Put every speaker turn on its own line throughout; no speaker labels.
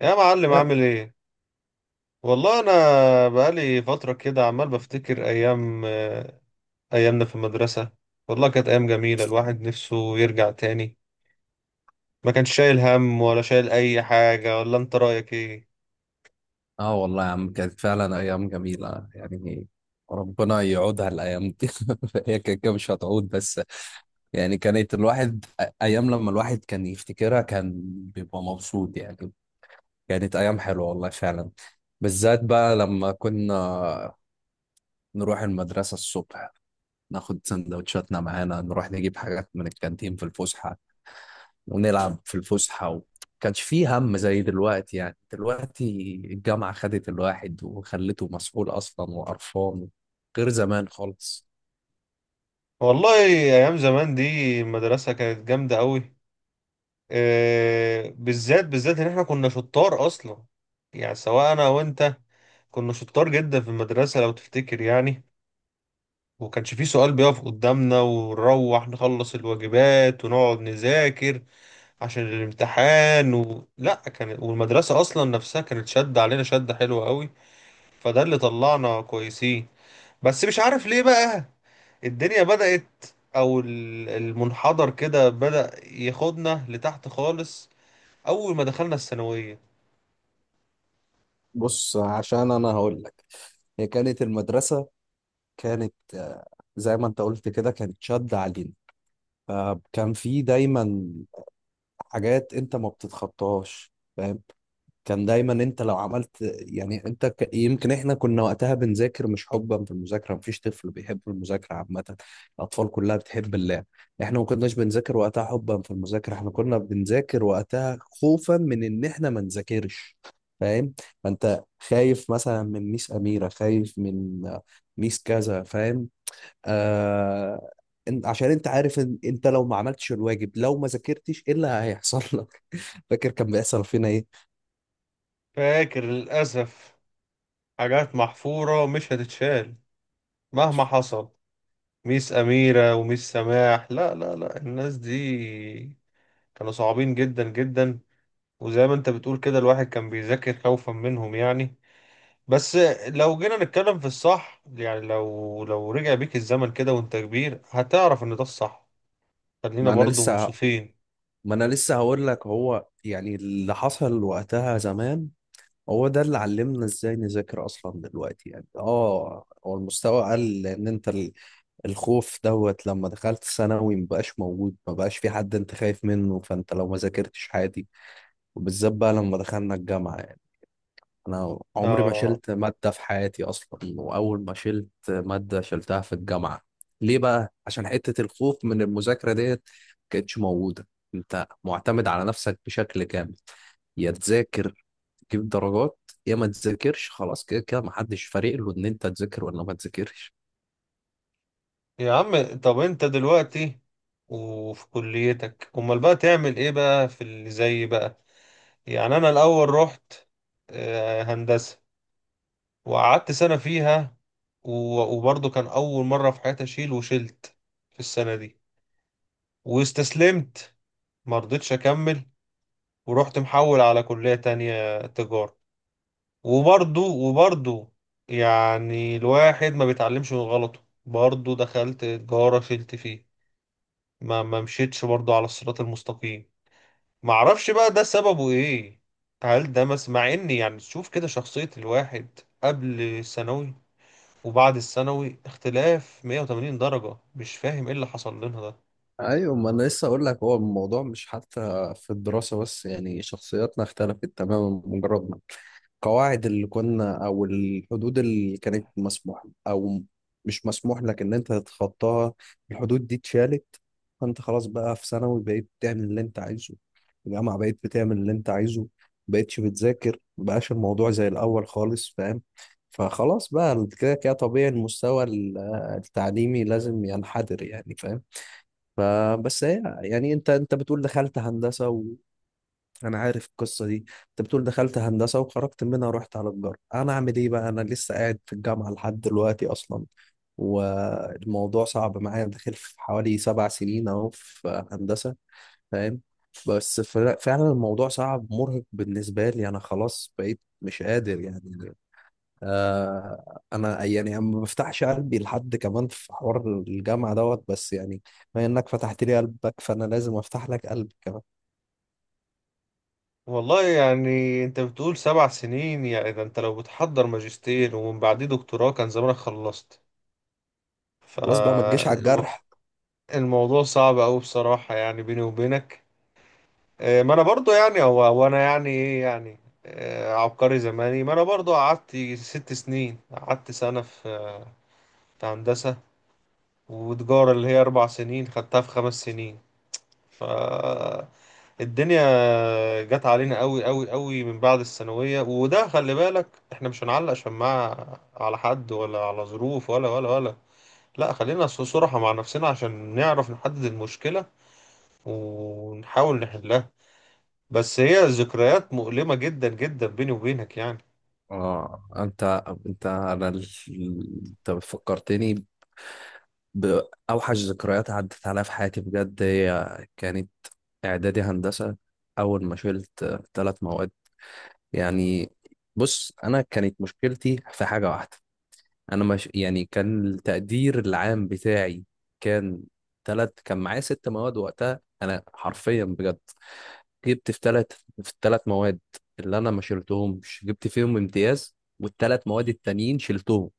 يا معلم،
يا-
عامل ايه؟ والله انا بقالي فتره كده عمال بفتكر ايامنا في المدرسه. والله كانت ايام جميله، الواحد نفسه يرجع تاني. ما كانش شايل هم ولا شايل اي حاجه. ولا انت رايك ايه؟
اه، والله يا عم كانت فعلا ايام جميله يعني. ربنا يعودها الايام دي. هي كده كده مش هتعود، بس يعني كانت الواحد ايام لما الواحد كان يفتكرها كان بيبقى مبسوط يعني. كانت ايام حلوه والله فعلا، بالذات بقى لما كنا نروح المدرسه الصبح، ناخد سندوتشاتنا معانا، نروح نجيب حاجات من الكانتين في الفسحه، ونلعب في الفسحة كانش فيه هم زي دلوقتي. يعني دلوقتي الجامعة خدت الواحد وخلته مسؤول أصلا وقرفان، غير زمان خالص.
والله ايام زمان دي المدرسه كانت جامده قوي. إيه بالذات بالذات ان احنا كنا شطار اصلا. يعني سواء انا وانت، كنا شطار جدا في المدرسه لو تفتكر يعني. وكانش فيه سؤال بيقف قدامنا، ونروح نخلص الواجبات ونقعد نذاكر عشان الامتحان لا كان، والمدرسة أصلا نفسها كانت شدة علينا، شدة حلوة قوي. فده اللي طلعنا كويسين. بس مش عارف ليه بقى، الدنيا بدأت أو المنحدر كده بدأ ياخدنا لتحت خالص أول ما دخلنا الثانوية.
بص، عشان انا هقول لك، هي كانت المدرسه كانت زي ما انت قلت كده، كانت شد علينا. فكان في دايما حاجات انت ما بتتخطاهاش، فاهم؟ كان دايما انت لو عملت، يعني انت يمكن احنا كنا وقتها بنذاكر مش حبا في المذاكره، مفيش طفل بيحب المذاكره عامه، الاطفال كلها بتحب اللعب. احنا ما كناش بنذاكر وقتها حبا في المذاكره، احنا كنا بنذاكر وقتها خوفا من ان احنا ما نذاكرش، فاهم؟ فانت خايف مثلا من ميس اميره، خايف من ميس كذا، فاهم؟ آه... عشان انت عارف ان انت لو ما عملتش الواجب، لو ما ذاكرتش، ايه اللي هيحصل لك؟ فاكر كان بيحصل فينا ايه؟
فاكر للأسف، حاجات محفورة مش هتتشال مهما حصل. ميس أميرة وميس سماح، لا لا لا، الناس دي كانوا صعبين جدا جدا. وزي ما انت بتقول كده، الواحد كان بيذاكر خوفا منهم يعني. بس لو جينا نتكلم في الصح، يعني لو رجع بيك الزمن كده وانت كبير هتعرف ان ده الصح. خلينا
ما انا
برضو
لسه
منصفين.
ما انا لسه هقول لك، هو يعني اللي حصل وقتها زمان هو ده اللي علمنا ازاي نذاكر اصلا. دلوقتي يعني اه، هو المستوى قل، لان انت الخوف دوت لما دخلت ثانوي مبقاش موجود، مبقاش في حد انت خايف منه، فانت لو ما ذاكرتش عادي. وبالذات بقى لما دخلنا الجامعة، انا عمري ما
اه.
شلت ماده في حياتي اصلا، واول ما شلت ماده شلتها في الجامعه. ليه بقى؟ عشان حته الخوف من المذاكره ديت ما كانتش موجوده. انت معتمد على نفسك بشكل كامل، يا تذاكر تجيب درجات، يا ما تذاكرش خلاص، كده كده ما حدش فارق له ان انت تذاكر ولا ما تذاكرش.
يا عم، طب انت دلوقتي وفي كليتك امال بقى تعمل ايه بقى في اللي زي بقى؟ يعني انا الاول رحت هندسة وقعدت سنة فيها. وبرضه كان أول مرة في حياتي أشيل، وشلت في السنة دي واستسلمت، مرضتش أكمل. ورحت محول على كلية تانية، تجارة. وبرضه يعني الواحد ما بيتعلمش من غلطه. برضه دخلت تجارة شلت فيه. ما مشيتش برضه على الصراط المستقيم. معرفش بقى ده سببه إيه. هل ده مس مع إني، يعني تشوف كده شخصية الواحد قبل ثانوي وبعد الثانوي اختلاف 180 درجة؟ مش فاهم ايه اللي حصل لنا ده.
ايوه، ما انا لسه اقول لك، هو الموضوع مش حتى في الدراسه بس، يعني شخصياتنا اختلفت تماما، مجرد ما القواعد اللي كنا او الحدود اللي كانت مسموح او مش مسموح لك ان انت تتخطاها، الحدود دي اتشالت. فانت خلاص بقى في ثانوي بقيت بتعمل اللي انت عايزه، في الجامعه بقيت بتعمل اللي انت عايزه، مبقتش بتذاكر، مبقاش الموضوع زي الاول خالص، فاهم؟ فخلاص بقى كده كده طبيعي المستوى التعليمي لازم ينحدر يعني، فاهم؟ فبس هي، يعني انت، بتقول دخلت هندسه وانا عارف القصه دي. انت بتقول دخلت هندسه وخرجت منها ورحت على تجاره، انا اعمل ايه بقى؟ انا لسه قاعد في الجامعه لحد دلوقتي اصلا، والموضوع صعب معايا، داخل في حوالي 7 سنين اهو في هندسه، فاهم؟ بس فعلا الموضوع صعب مرهق بالنسبه لي، انا خلاص بقيت مش قادر يعني. آه، انا يعني ما بفتحش قلبي لحد كمان في حوار الجامعه دوت، بس يعني بما انك فتحت لي قلبك، فانا لازم افتح لك قلبي كمان.
والله يعني انت بتقول 7 سنين، يعني ده انت لو بتحضر ماجستير ومن بعديه دكتوراه كان زمانك خلصت.
خلاص بقى، ما تجيش على
فالموضوع
الجرح.
صعب أوي بصراحة، يعني بيني وبينك. ما انا برضو، يعني هو وانا يعني ايه يعني. عبقري زماني، ما انا برضو قعدت 6 سنين. قعدت سنة في هندسة، وتجارة اللي هي 4 سنين خدتها في 5 سنين. ف الدنيا جت علينا قوي قوي قوي من بعد الثانوية. وده خلي بالك، احنا مش هنعلق شماعة على حد، ولا على ظروف، ولا. لا خلينا صراحة مع نفسنا عشان نعرف نحدد المشكلة ونحاول نحلها. بس هي ذكريات مؤلمة جدا جدا، بيني وبينك يعني.
اه، انت فكرتني باوحش ذكريات عدت عليا في حياتي، بجد. هي كانت اعدادي هندسه، اول ما شلت 3 مواد، يعني بص، انا كانت مشكلتي في حاجه واحده، انا مش يعني، كان التقدير العام بتاعي كان تلات، كان معايا 6 مواد وقتها، انا حرفيا بجد جبت في تلات، في التلات مواد اللي انا ما شلتهمش جبت فيهم امتياز، والتلات مواد التانيين شلتهم،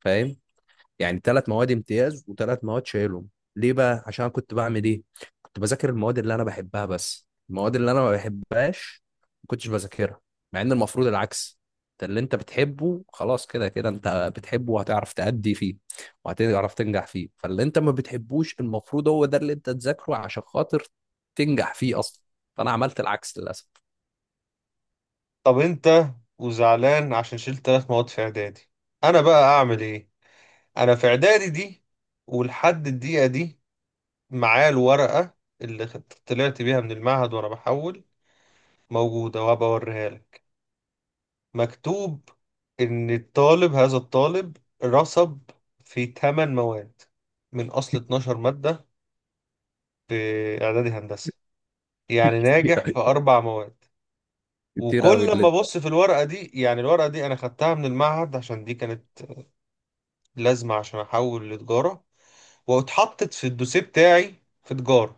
فاهم؟ يعني 3 مواد امتياز وثلاث مواد شايلهم. ليه بقى؟ عشان أنا كنت بعمل ايه؟ كنت بذاكر المواد اللي انا بحبها بس، المواد اللي انا ما بحبهاش ما كنتش بذاكرها، مع ان المفروض العكس. انت اللي انت بتحبه خلاص كده كده انت بتحبه، وهتعرف تأدي فيه وهتعرف تنجح فيه، فاللي انت ما بتحبوش المفروض هو ده اللي انت تذاكره عشان خاطر تنجح فيه اصلا، فانا عملت العكس للاسف.
طب انت وزعلان عشان شلت 3 مواد في اعدادي؟ انا بقى اعمل ايه؟ انا في اعدادي دي ولحد الدقيقة دي معاه الورقة اللي طلعت بيها من المعهد وأنا بحول، موجودة وهبقى أوريها لك. مكتوب إن هذا الطالب رسب في 8 مواد من أصل 12 مادة في إعدادي هندسة. يعني
كتير
ناجح في
أوي-
4 مواد.
كتير قوي
وكل
اللي
ما
انت،
أبص في الورقة دي، يعني الورقة دي أنا خدتها من المعهد عشان دي كانت لازمة عشان أحول لتجارة، واتحطت في الدوسيه بتاعي في تجارة.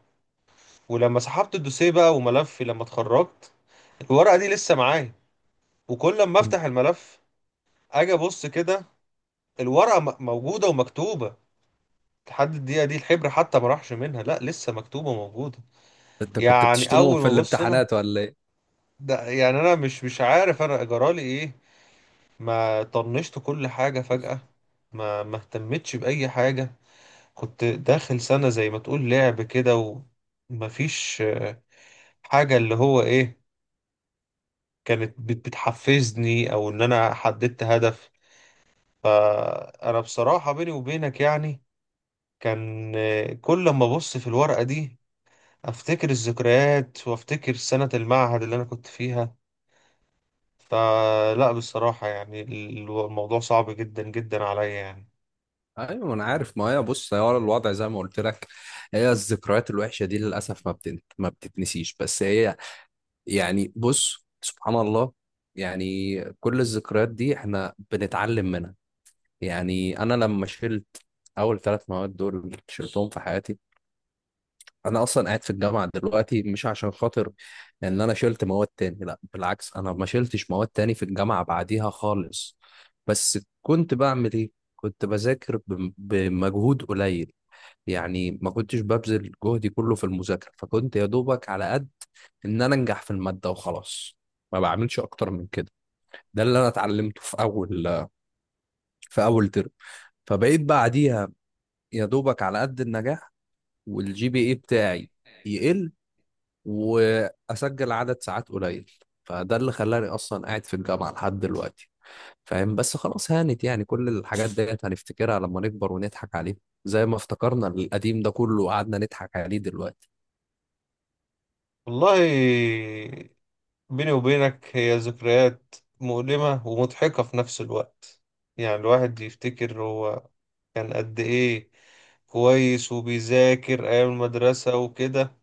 ولما سحبت الدوسيه بقى وملفي لما اتخرجت، الورقة دي لسه معايا. وكل ما افتح الملف اجي ابص كده، الورقة موجودة ومكتوبة. لحد الدقيقة دي الحبر حتى ما راحش منها، لا لسه مكتوبة وموجودة.
انت كنت
يعني
بتشتمهم
اول
في
ما ابص انا،
الامتحانات ولا ايه؟
ده يعني انا مش عارف انا جرالي ايه. ما طنشت كل حاجة فجأة، ما اهتمتش بأي حاجة. كنت داخل سنة زي ما تقول لعب كده، ومفيش حاجة اللي هو ايه كانت بتحفزني او ان انا حددت هدف. فانا بصراحة بيني وبينك يعني، كان كل ما ابص في الورقة دي افتكر الذكريات، وافتكر سنة المعهد اللي انا كنت فيها. فلا بصراحة يعني الموضوع صعب جدا جدا عليا يعني.
ايوه، ما انا عارف، ما هي بص، هو الوضع زي ما قلت لك، هي الذكريات الوحشه دي للاسف ما بتتنسيش، بس هي يعني بص، سبحان الله، يعني كل الذكريات دي احنا بنتعلم منها. يعني انا لما شلت اول 3 مواد، دول شلتهم في حياتي، انا اصلا قاعد في الجامعه دلوقتي مش عشان خاطر ان انا شلت مواد تاني، لا بالعكس، انا ما شلتش مواد تاني في الجامعه بعديها خالص. بس كنت بعمل ايه؟ كنت بذاكر بمجهود قليل، يعني ما كنتش ببذل جهدي كله في المذاكرة، فكنت يا دوبك على قد إن أنا أنجح في المادة وخلاص، ما بعملش أكتر من كده. ده اللي أنا اتعلمته في في أول ترم، فبقيت بعديها يا دوبك على قد النجاح، والجي بي إيه بتاعي يقل، وأسجل عدد ساعات قليل. فده اللي خلاني أصلا قاعد في الجامعة لحد دلوقتي، فاهم؟ بس خلاص هانت، يعني كل الحاجات ديت هنفتكرها لما نكبر ونضحك عليها، زي ما افتكرنا القديم ده كله وقعدنا نضحك عليه دلوقتي.
والله بيني وبينك، هي ذكريات مؤلمة ومضحكة في نفس الوقت. يعني الواحد يفتكر هو كان قد ايه كويس وبيذاكر أيام المدرسة وكده.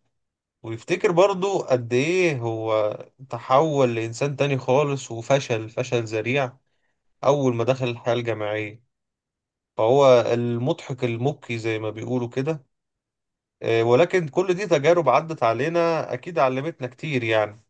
ويفتكر برضو قد إيه هو تحول لإنسان تاني خالص وفشل فشل ذريع أول ما دخل الحياة الجامعية. فهو المضحك المبكي زي ما بيقولوا كده. ولكن كل دي تجارب عدت علينا، أكيد علمتنا كتير يعني.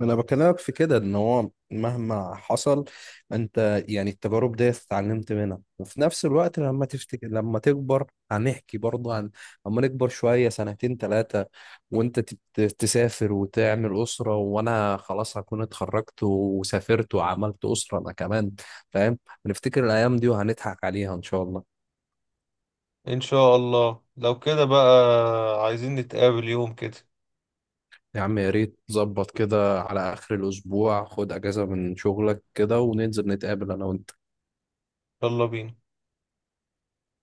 انا بكلمك في كده ان هو مهما حصل، انت يعني التجارب دي اتعلمت منها، وفي نفس الوقت لما تفتكر، لما تكبر هنحكي برضه عن، لما نكبر شوية سنتين ثلاثة، وانت تسافر وتعمل أسرة، وانا خلاص هكون اتخرجت وسافرت وعملت أسرة انا كمان، فاهم؟ هنفتكر الايام دي وهنضحك عليها ان شاء الله.
إن شاء الله. لو كده بقى، عايزين نتقابل يوم كده.
يا عم يا ريت ظبط كده على اخر الاسبوع، خد اجازة من شغلك كده وننزل نتقابل انا وانت.
يلا بينا.